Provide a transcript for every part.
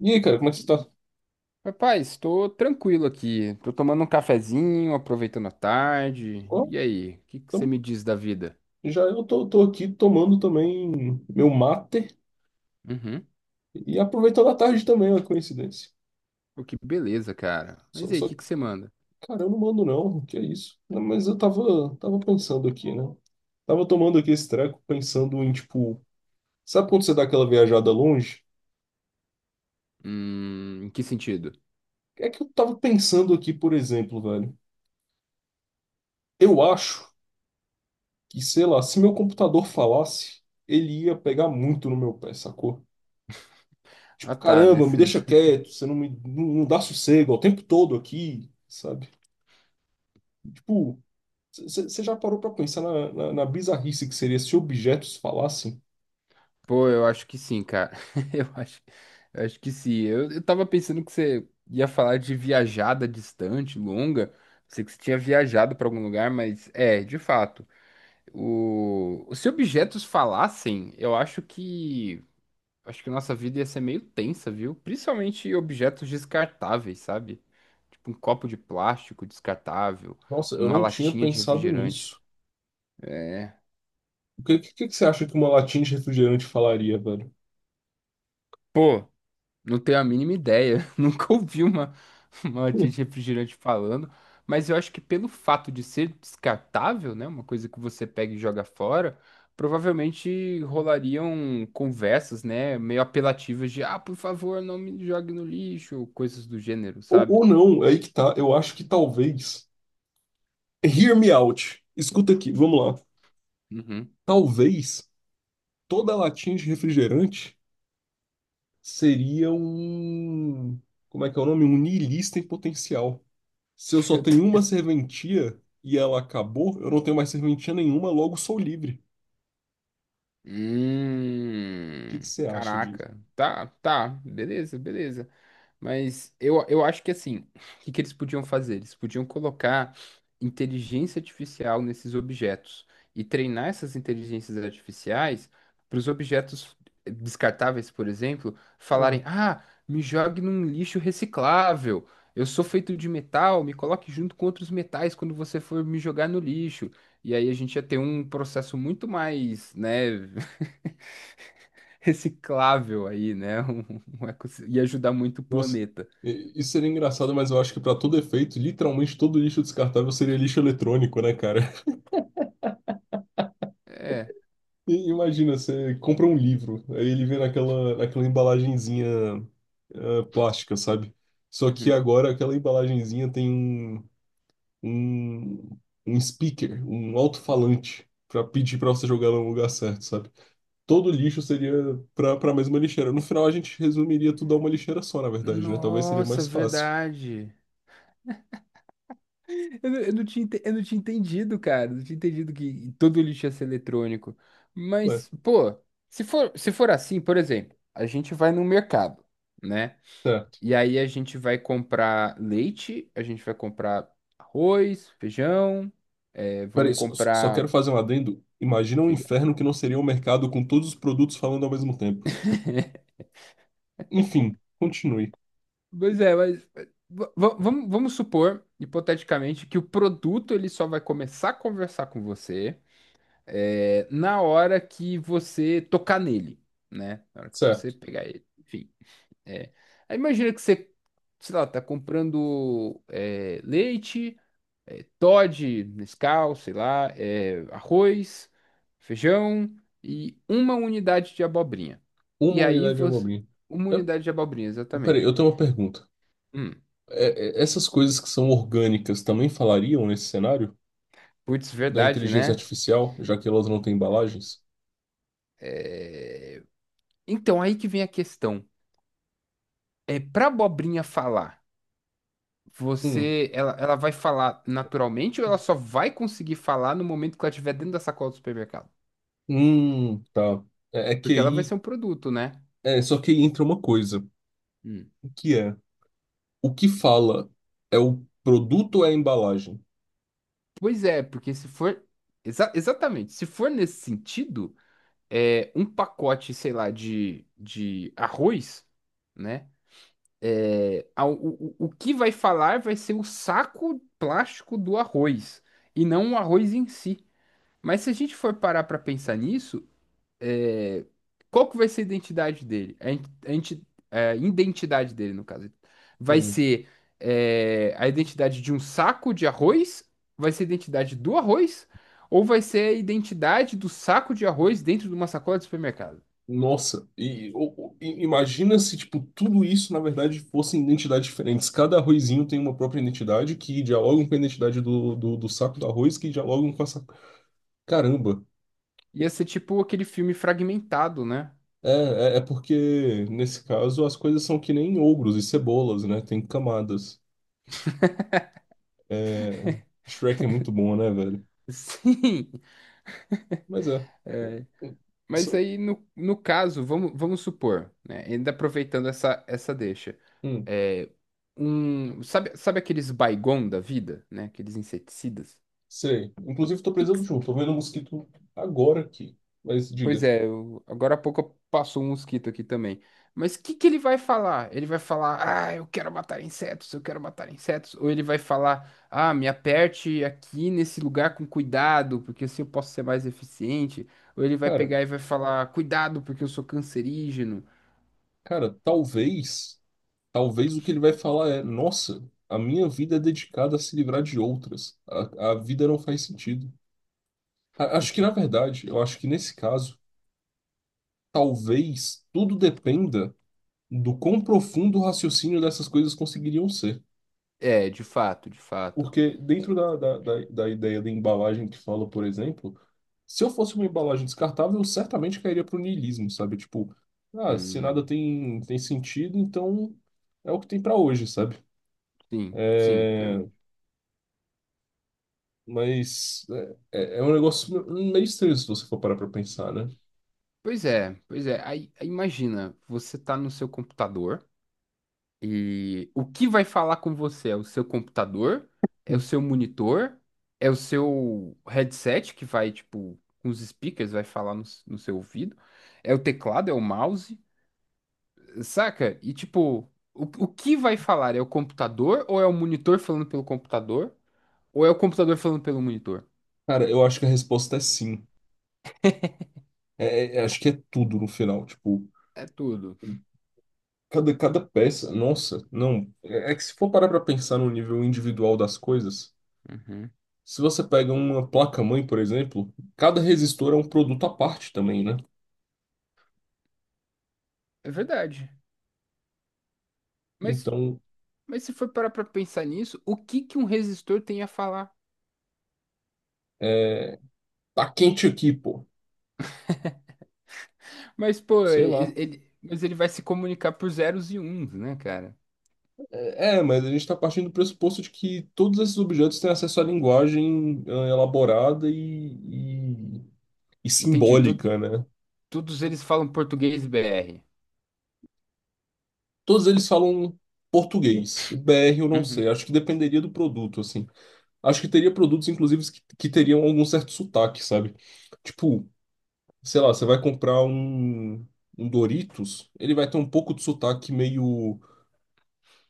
E aí, cara, como é que você tá? Rapaz, estou tranquilo aqui. Tô tomando um cafezinho, aproveitando a tarde. Ó, E aí, o que que você tamo- me diz da vida? já eu tô aqui tomando também meu mate Uhum. e aproveitando a tarde também, olha que coincidência. Pô, que beleza, cara. Mas Só, e aí, o só, que que você manda? cara, eu não mando não, que é isso? Não, mas eu tava pensando aqui, né? Tava tomando aqui esse treco, pensando em, tipo, sabe quando você dá aquela viajada longe? Em que sentido? É que eu tava pensando aqui, por exemplo, velho. Eu acho que, sei lá, se meu computador falasse, ele ia pegar muito no meu pé, sacou? Ah, Tipo, tá, caramba, me nesse... deixa quieto, você não me não dá sossego é o tempo todo aqui, sabe? Tipo, você já parou pra pensar na bizarrice que seria se objetos falassem? Pô, eu acho que sim, cara. Eu acho, eu acho que sim. Eu tava pensando que você ia falar de viajada distante, longa. Pensei que você tinha viajado para algum lugar, mas é, de fato. O... Se objetos falassem, eu acho que. Acho que nossa vida ia ser meio tensa, viu? Principalmente objetos descartáveis, sabe? Tipo um copo de plástico descartável, Nossa, eu uma não tinha latinha de pensado refrigerante. nisso. É. O que que você acha que uma latinha de refrigerante falaria, velho? Pô, não tenho a mínima ideia. Nunca ouvi uma latinha Hum. de refrigerante falando. Mas eu acho que pelo fato de ser descartável, né? Uma coisa que você pega e joga fora, provavelmente rolariam conversas, né? Meio apelativas de, ah, por favor, não me jogue no lixo, ou coisas do gênero, sabe? Ou não, é aí que tá. Eu acho que talvez. Hear me out. Escuta aqui, vamos lá. Uhum. Talvez toda latinha de refrigerante seria um. Como é que é o nome? Um niilista em potencial. Se eu só Meu tenho uma Deus. serventia e ela acabou, eu não tenho mais serventia nenhuma, logo sou livre. O que Hum, que você acha disso? caraca. Tá, tá, beleza, beleza. Mas eu acho que assim, o que que eles podiam fazer? Eles podiam colocar inteligência artificial nesses objetos e treinar essas inteligências artificiais para os objetos descartáveis, por exemplo, Ah, falarem: Ah, me jogue num lixo reciclável. Eu sou feito de metal, me coloque junto com outros metais quando você for me jogar no lixo. E aí a gente ia ter um processo muito mais, né, reciclável aí, né? Um ecossistema, ia ajudar muito o nossa, planeta. Isso seria engraçado, mas eu acho que para todo efeito, literalmente todo lixo descartável seria lixo eletrônico, né, cara? É. E imagina, você compra um livro, aí ele vem naquela embalagenzinha plástica, sabe? Só que Uhum. agora aquela embalagenzinha tem um, um speaker, um alto-falante, para pedir para você jogar no lugar certo, sabe? Todo lixo seria para a mesma lixeira. No final, a gente resumiria tudo a uma lixeira só, na verdade, né? Talvez seria Nossa, mais fácil. verdade. Eu não tinha, ente- eu não tinha entendido, cara. Eu não tinha entendido que todo lixo ia ser eletrônico. É, Mas, pô, se for assim, por exemplo, a gente vai no mercado, né? certo. E aí a gente vai comprar leite, a gente vai comprar arroz, feijão, é, vamos Peraí, só, só comprar. quero fazer um adendo. Imagina um Diga. inferno que não seria um mercado com todos os produtos falando ao mesmo tempo. Enfim, continue. Pois é, mas va- va- vamos supor, hipoteticamente, que o produto ele só vai começar a conversar com você é, na hora que você tocar nele, né? Na hora que você Certo. pegar ele. Enfim. É. Aí imagina que você, sei lá, tá comprando é, leite, é, Toddy, Nescau, sei lá, é, arroz, feijão e uma unidade de abobrinha. Uma E aí unidade de você. abobrinha. Uma É, unidade de abobrinha, peraí, exatamente. eu tenho uma pergunta. Hum. Essas coisas que são orgânicas também falariam nesse cenário Putz, da verdade, inteligência né? artificial, já que elas não têm embalagens? É, então, aí que vem a questão. É, para abobrinha falar, Hum, você, ela vai falar naturalmente ou ela só vai conseguir falar no momento que ela estiver dentro da sacola do supermercado? Tá. É, é que Porque ela vai aí, ser um produto, né? Só que aí entra uma coisa. Hum. Que é o que fala é o produto ou é a embalagem? Pois é, porque se for. Exa- exatamente, se for nesse sentido, é, um pacote, sei lá, de arroz, né? É, a- o, o que vai falar vai ser o saco plástico do arroz e não o arroz em si. Mas se a gente for parar pra pensar nisso, é, qual que vai ser a identidade dele? A, in- a inti- a identidade dele, no caso. Vai Sim. ser é, a identidade de um saco de arroz? Vai ser a identidade do arroz? Ou vai ser a identidade do saco de arroz dentro de uma sacola de supermercado? Nossa, e, imagina se tipo tudo isso na verdade fossem identidades diferentes. Cada arrozinho tem uma própria identidade que dialogam com a identidade do saco do arroz que dialogam com essa. Caramba. Ia ser tipo aquele filme fragmentado, né? É, é porque nesse caso as coisas são que nem ogros e cebolas, né? Tem camadas. É, Shrek é muito bom, né, velho? Sim. Mas é. Mas aí, no caso, vamos supor, né? Ainda aproveitando essa deixa. Hum. É, um, sabe aqueles Baygon da vida, né? Aqueles inseticidas? Sei. Inclusive, tô Que- precisando de um. Tô vendo um mosquito agora aqui. Mas Pois diga, é, eu- agora há pouco passou um mosquito aqui também. Mas o que que ele vai falar? Ele vai falar, ah, eu quero matar insetos, eu quero matar insetos. Ou ele vai falar, ah, me aperte aqui nesse lugar com cuidado, porque assim eu posso ser mais eficiente. Ou ele vai cara, pegar e vai falar, cuidado, porque eu sou cancerígeno. cara, talvez, talvez o que ele vai falar é, nossa, a minha vida é dedicada a se livrar de outras. A vida não faz sentido. Acho que, na verdade, eu acho que nesse caso, talvez tudo dependa do quão profundo o raciocínio dessas coisas conseguiriam ser. É, de fato, de fato. Porque dentro da ideia da embalagem que fala, por exemplo, se eu fosse uma embalagem descartável, eu certamente cairia pro niilismo, sabe? Tipo, ah, se nada Hum, tem sentido, então é o que tem para hoje, sabe? sim, sim, É, realmente. mas é, é é um negócio meio estranho se você for parar pra pensar, né? Pois é, pois é. Aí, aí imagina, você tá no seu computador e o que vai falar com você é o seu computador, é o seu monitor, é o seu headset que vai, tipo, com os speakers, vai falar no, s- no seu ouvido, é o teclado, é o mouse, saca? E, tipo, o que vai falar? É o computador ou é o monitor falando pelo computador? Ou é o computador falando pelo monitor? Cara, eu acho que a resposta é sim. Acho que é tudo no final. Tipo, É tudo. cada peça. Nossa, não. É, é que se for parar pra pensar no nível individual das coisas. Se você pega uma placa-mãe, por exemplo, cada resistor é um produto à parte também, né? É verdade. Mas, Então, mas se for parar pra pensar nisso, o que que um resistor tem a falar? tá quente aqui, pô. Mas, pô, Sei ele, lá. ele- mas ele vai se comunicar por zeros e uns, né, cara? Mas a gente tá partindo do pressuposto de que todos esses objetos têm acesso à linguagem elaborada e Entendi. Todos, simbólica, né? todos eles falam português BR. Todos eles falam português. BR eu não Uhum, sei. Acho que dependeria do produto, assim. Acho que teria produtos, inclusive, que teriam algum certo sotaque, sabe? Tipo, sei lá, você vai comprar um Doritos, ele vai ter um pouco de sotaque meio,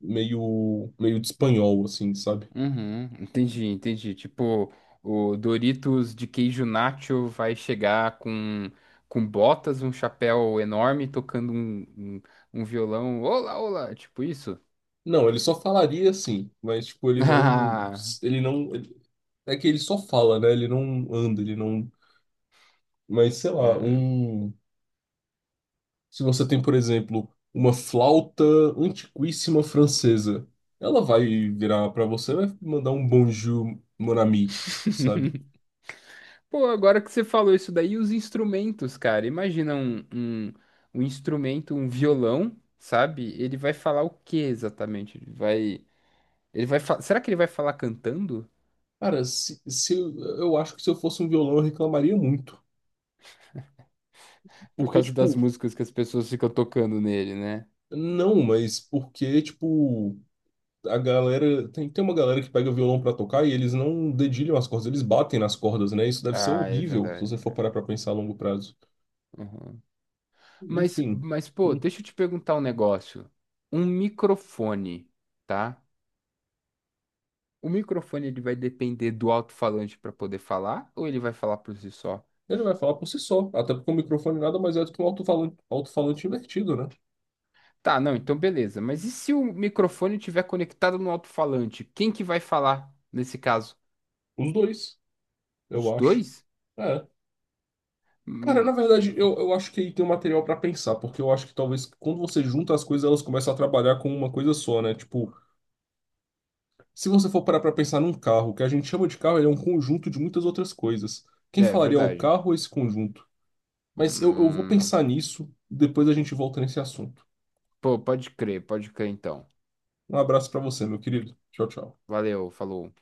meio de espanhol, assim, sabe? uhum. Entendi, entendi. Tipo, o Doritos de queijo nacho vai chegar com botas, um chapéu enorme, tocando um, um, um violão. Olá, olá! Tipo isso? Não, ele só falaria assim, mas tipo, ele não, Ah, ele não, ele- é que ele só fala, né? Ele não anda, ele não, mas sei lá, hum. um, se você tem, por exemplo, uma flauta antiquíssima francesa, ela vai virar pra você, e vai mandar um bonjour, mon ami, sabe? Pô, agora que você falou isso daí, os instrumentos, cara. Imagina um, um, um instrumento, um violão, sabe? Ele vai falar o que exatamente? Ele vai, fa- será que ele vai falar cantando? Cara, se eu, eu acho que se eu fosse um violão eu reclamaria muito. Por Porque, causa das tipo, músicas que as pessoas ficam tocando nele, né? não, mas porque, tipo, a galera. Tem uma galera que pega violão pra tocar e eles não dedilham as cordas, eles batem nas cordas, né? Isso deve ser Ah, é horrível se verdade. você for parar pra pensar a longo prazo. Uhum. Enfim, Mas, pô, hum, deixa eu te perguntar um negócio. Um microfone, tá? O microfone ele vai depender do alto-falante para poder falar ou ele vai falar por si só? ele vai falar por si só. Até porque o microfone nada mais é do que um alto-falante, alto-falante invertido, né? Tá, não, então beleza. Mas e se o microfone estiver conectado no alto-falante? Quem que vai falar nesse caso? Os dois, Os eu acho. dois? É. Cara, na Hum, verdade, hum, eu acho que aí tem um material pra pensar, porque eu acho que talvez quando você junta as coisas, elas começam a trabalhar com uma coisa só, né? Tipo, se você for parar pra pensar num carro, o que a gente chama de carro, ele é um conjunto de muitas outras coisas. Quem é falaria o verdade. carro ou esse conjunto? Mas eu vou Hum, pensar nisso, depois a gente volta nesse assunto. pô, pode crer então. Um abraço pra você, meu querido. Tchau, tchau. Valeu, falou.